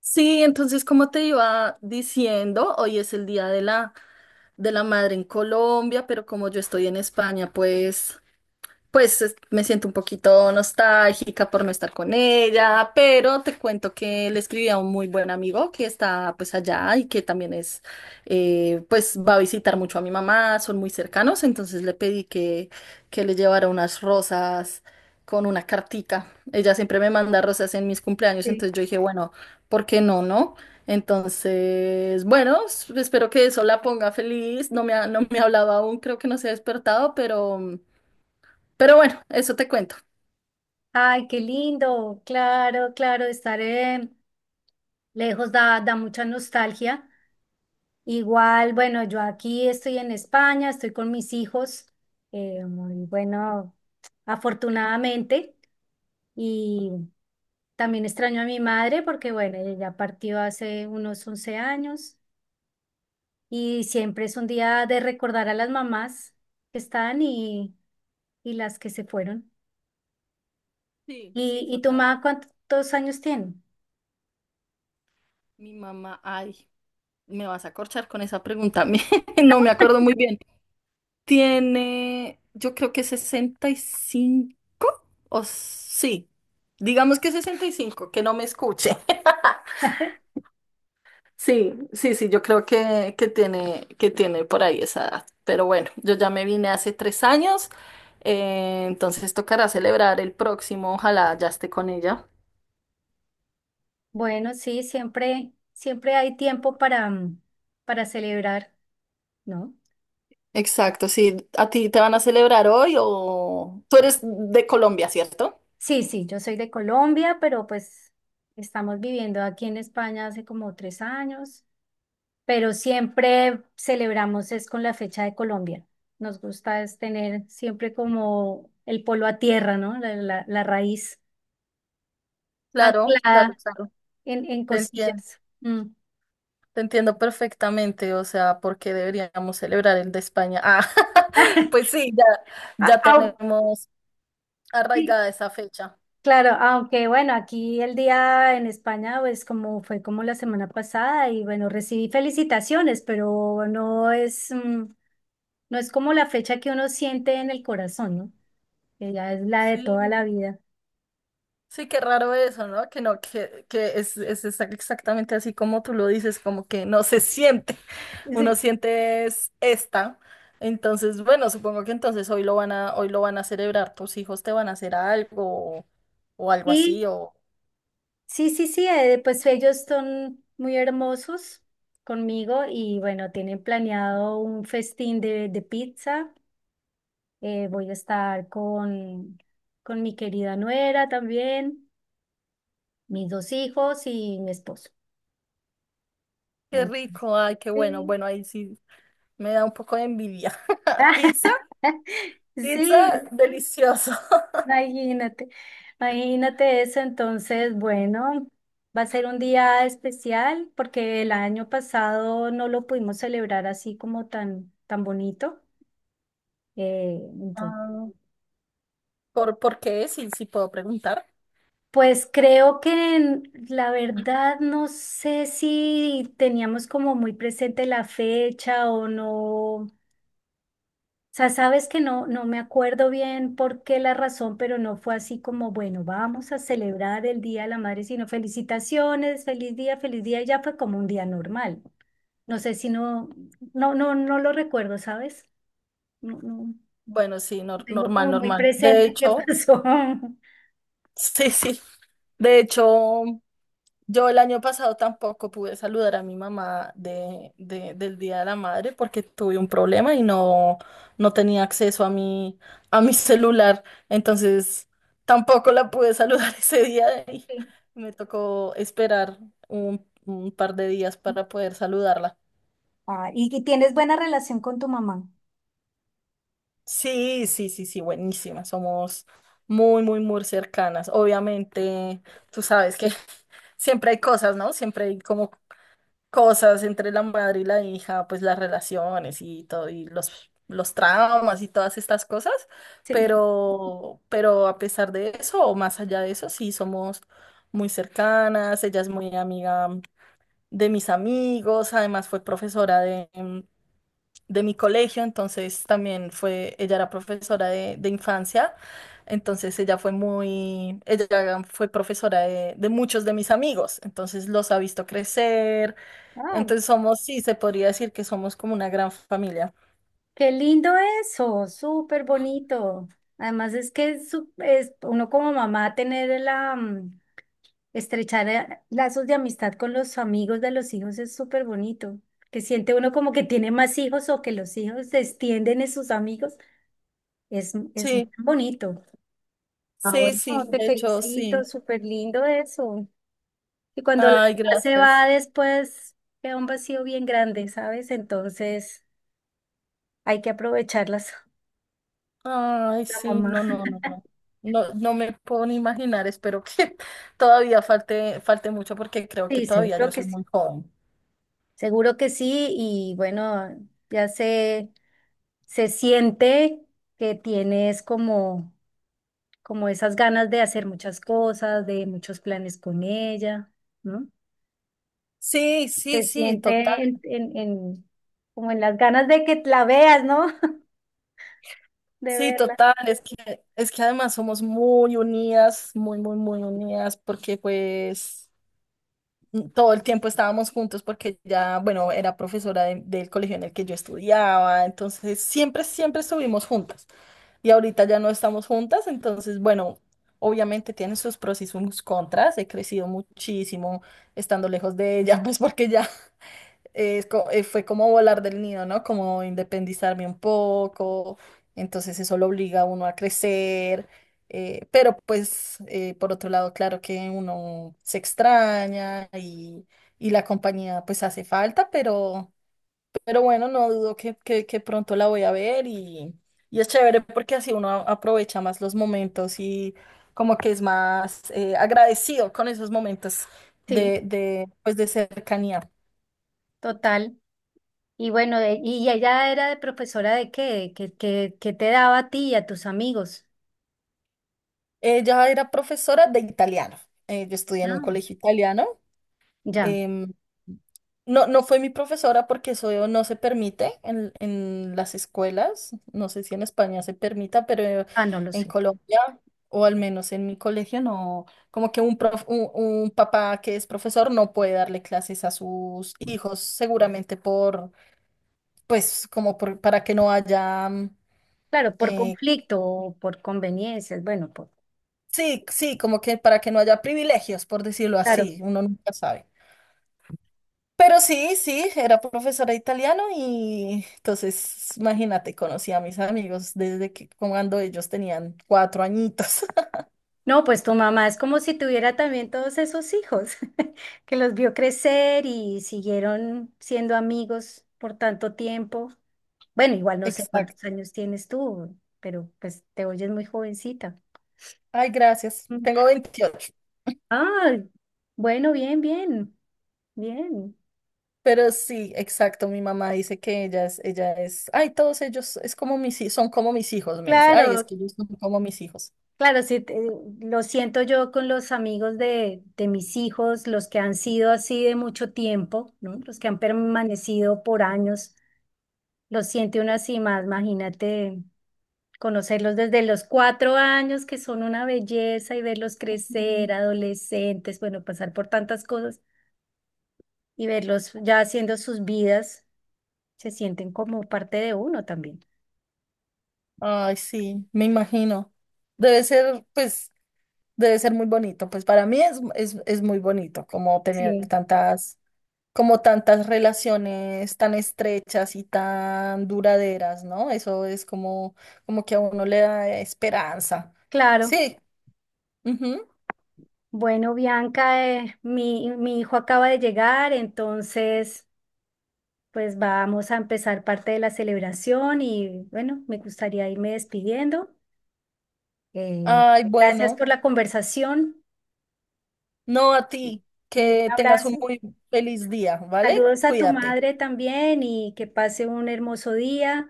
Sí, entonces, como te iba diciendo, hoy es el Día de la Madre en Colombia, pero como yo estoy en España, pues me siento un poquito nostálgica por no estar con ella, pero te cuento que le escribí a un muy buen amigo que está pues allá y que también pues va a visitar mucho a mi mamá, son muy cercanos, entonces le pedí que le llevara unas rosas con una cartica. Ella siempre me manda rosas en mis cumpleaños, Sí. entonces yo dije, bueno, ¿por qué no, no? Entonces, bueno, espero que eso la ponga feliz. No me ha hablado aún, creo que no se ha despertado, pero. Pero bueno, eso te cuento. Ay, qué lindo, claro, claro, estar lejos da mucha nostalgia. Igual, bueno, yo aquí estoy en España, estoy con mis hijos, muy bueno, afortunadamente, y también extraño a mi madre porque, bueno, ella ya partió hace unos 11 años y siempre es un día de recordar a las mamás que están y las que se fueron. Sí, sí, ¿Y tu total. mamá cuántos años tiene? Mi mamá, ay, me vas a corchar con esa pregunta. a No me acuerdo muy bien. Tiene, yo creo que 65 o sí, digamos que 65. Que no me escuche. Sí, sí, sí, yo creo que tiene por ahí esa edad. Pero bueno, yo ya me vine hace 3 años, entonces tocará celebrar el próximo, ojalá ya esté con ella. Bueno, sí, siempre, hay tiempo para celebrar, ¿no? Exacto, sí. ¿A ti te van a celebrar hoy o tú eres de Colombia? ¿Cierto? Sí, sí, yo soy de Colombia, pero pues estamos viviendo aquí en España hace como 3 años, pero siempre celebramos es con la fecha de Colombia. Nos gusta es tener siempre como el polo a tierra, ¿no? La raíz Claro, claro, anclada claro. en Te entiendo, cosillas. Mm. te entiendo perfectamente. O sea, ¿por qué deberíamos celebrar el de España? Ah, pues sí, ya, ya Au- tenemos arraigada esa fecha. Claro, aunque bueno, aquí el día en España, pues como fue como la semana pasada y bueno, recibí felicitaciones, pero no es como la fecha que uno siente en el corazón, ¿no? Que ya es la de toda Sí. la vida. Sí, qué raro eso, ¿no? Que no, que es exactamente así como tú lo dices, como que no se siente. Uno Sí. siente es esta. Entonces, bueno, supongo que entonces hoy lo van a celebrar. Tus hijos te van a hacer algo o algo Y así, o sí, sí, sí, pues ellos son muy hermosos conmigo y bueno, tienen planeado un festín de pizza. Voy a estar con mi querida nuera también. Mis dos hijos y mi esposo. qué rico, ay, qué bueno. Sí. Bueno, ahí sí me da un poco de envidia. Pizza, Sí, pizza, delicioso. imagínate, imagínate eso. Entonces, bueno, va a ser un día especial porque el año pasado no lo pudimos celebrar así como tan, tan bonito. Entonces, Ah, ¿por qué? Sí, sí puedo preguntar. pues creo que la verdad no sé si teníamos como muy presente la fecha o no. O sea, sabes que no, no me acuerdo bien por qué la razón, pero no fue así como, bueno, vamos a celebrar el Día de la Madre, sino felicitaciones, feliz día, y ya fue como un día normal. No sé si no, no, no, no lo recuerdo, ¿sabes? No, no, Bueno, sí, nor- tengo normal, como muy normal. De presente qué hecho. pasó. Sí, sí. De hecho, yo el año pasado tampoco pude saludar a mi mamá del Día de la Madre porque tuve un problema y no, no tenía acceso a mi celular. Entonces, tampoco la pude saludar ese día y Sí. me tocó esperar un par de días para poder saludarla. Ah, y tienes buena relación con tu mamá. Sí, sí, sí, sí, buenísima. Somos muy, muy, muy cercanas. Obviamente, tú sabes que. Siempre hay cosas, ¿no? Siempre hay como cosas entre la madre y la hija, pues las relaciones y todo, y los traumas y todas estas cosas, Sí. pero a pesar de eso, o más allá de eso, sí somos muy cercanas, ella es muy amiga de mis amigos, además fue profesora de mi colegio, entonces ella era profesora de infancia. Entonces ella fue profesora de muchos de mis amigos, entonces los ha visto crecer, Ay, entonces somos, sí, se podría decir que somos como una gran familia. qué lindo eso, súper bonito. Además es que es uno como mamá tener estrechar lazos de amistad con los amigos de los hijos es súper bonito. Que siente uno como que tiene más hijos o que los hijos se extienden en sus amigos. Es Sí, bonito. Ah, sí, bueno, sí, te de hecho, felicito, sí. súper lindo eso. Y cuando la Ay, mamá se va gracias. después, queda un vacío bien grande, ¿sabes? Entonces hay que aprovecharlas, Ay, la sí, no, mamá. no, no, no. No, no me puedo ni imaginar, espero que todavía falte mucho porque creo que Sí, todavía yo seguro que soy sí. muy joven. Seguro que sí. Y bueno, ya se siente que tienes como esas ganas de hacer muchas cosas, de muchos planes con ella, ¿no? Sí, sí, Se sí, total. siente en como en las ganas de que la veas, ¿no? De Sí, verla. total. Es que además somos muy unidas, muy, muy, muy unidas, porque pues todo el tiempo estábamos juntos porque ya, bueno, era profesora del colegio en el que yo estudiaba, entonces siempre estuvimos juntas. Y ahorita ya no estamos juntas, entonces, bueno, obviamente tiene sus pros y sus contras. He crecido muchísimo estando lejos de ella, pues porque ya fue como volar del nido, ¿no? Como independizarme un poco, entonces eso lo obliga a uno a crecer, pero pues por otro lado, claro que uno se extraña y la compañía pues hace falta, pero bueno, no dudo que pronto la voy a ver y es chévere porque así uno aprovecha más los momentos y como que es más agradecido con esos momentos Sí, pues, de cercanía. total. Y bueno, ¿y ella era de profesora de qué? ¿Qué, qué te daba a ti y a tus amigos? Ella era profesora de italiano. Yo estudié en un Ah, colegio italiano. ya. Em, no, no fue mi profesora porque eso no se permite en las escuelas. No sé si en España se permita, pero Ah, no lo en sé. Colombia, o al menos en mi colegio, no, como que un papá que es profesor no puede darle clases a sus hijos, seguramente por, pues, como para que no haya Claro, por eh, conflicto o por conveniencias, bueno, por... sí, sí, como que para que no haya privilegios, por decirlo así, Claro. uno nunca sabe. Pero sí, sí, era profesora de italiano y entonces, imagínate, conocí a mis amigos desde que cuando ellos tenían 4 añitos. No, pues tu mamá es como si tuviera también todos esos hijos que los vio crecer y siguieron siendo amigos por tanto tiempo. Bueno, igual no sé Exacto. cuántos años tienes tú, pero pues te oyes muy jovencita. Ay, gracias. Mm. Tengo 28. Ah, bueno, bien, bien, bien. Pero sí, exacto, mi mamá dice que ay, todos ellos es como son como mis hijos, me dice, ay, es Claro, que ellos son como mis hijos. claro, sí, lo siento yo con los amigos de mis hijos, los que han sido así de mucho tiempo, ¿no? Los que han permanecido por años. Los siente uno así más, imagínate. Conocerlos desde los 4 años, que son una belleza, y verlos Ujú. crecer, adolescentes, bueno, pasar por tantas cosas y verlos ya haciendo sus vidas, se sienten como parte de uno también. Ay, sí, me imagino. Debe ser, pues, debe ser muy bonito. Pues para mí es muy bonito como tener Sí. tantas. Como tantas relaciones tan estrechas y tan duraderas, ¿no? Eso es como que a uno le da esperanza. Claro. Sí. Ujú. Bueno, Bianca, mi hijo acaba de llegar, entonces pues vamos a empezar parte de la celebración y bueno, me gustaría irme despidiendo. Eh, Ay, Gracias bueno, por la conversación no a ti, y un que tengas un abrazo. muy feliz día, ¿vale? Saludos a tu Cuídate. madre también y que pase un hermoso día.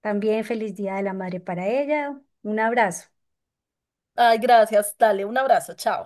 También feliz Día de la Madre para ella. Un abrazo. Ay, gracias. Dale, un abrazo. Chao.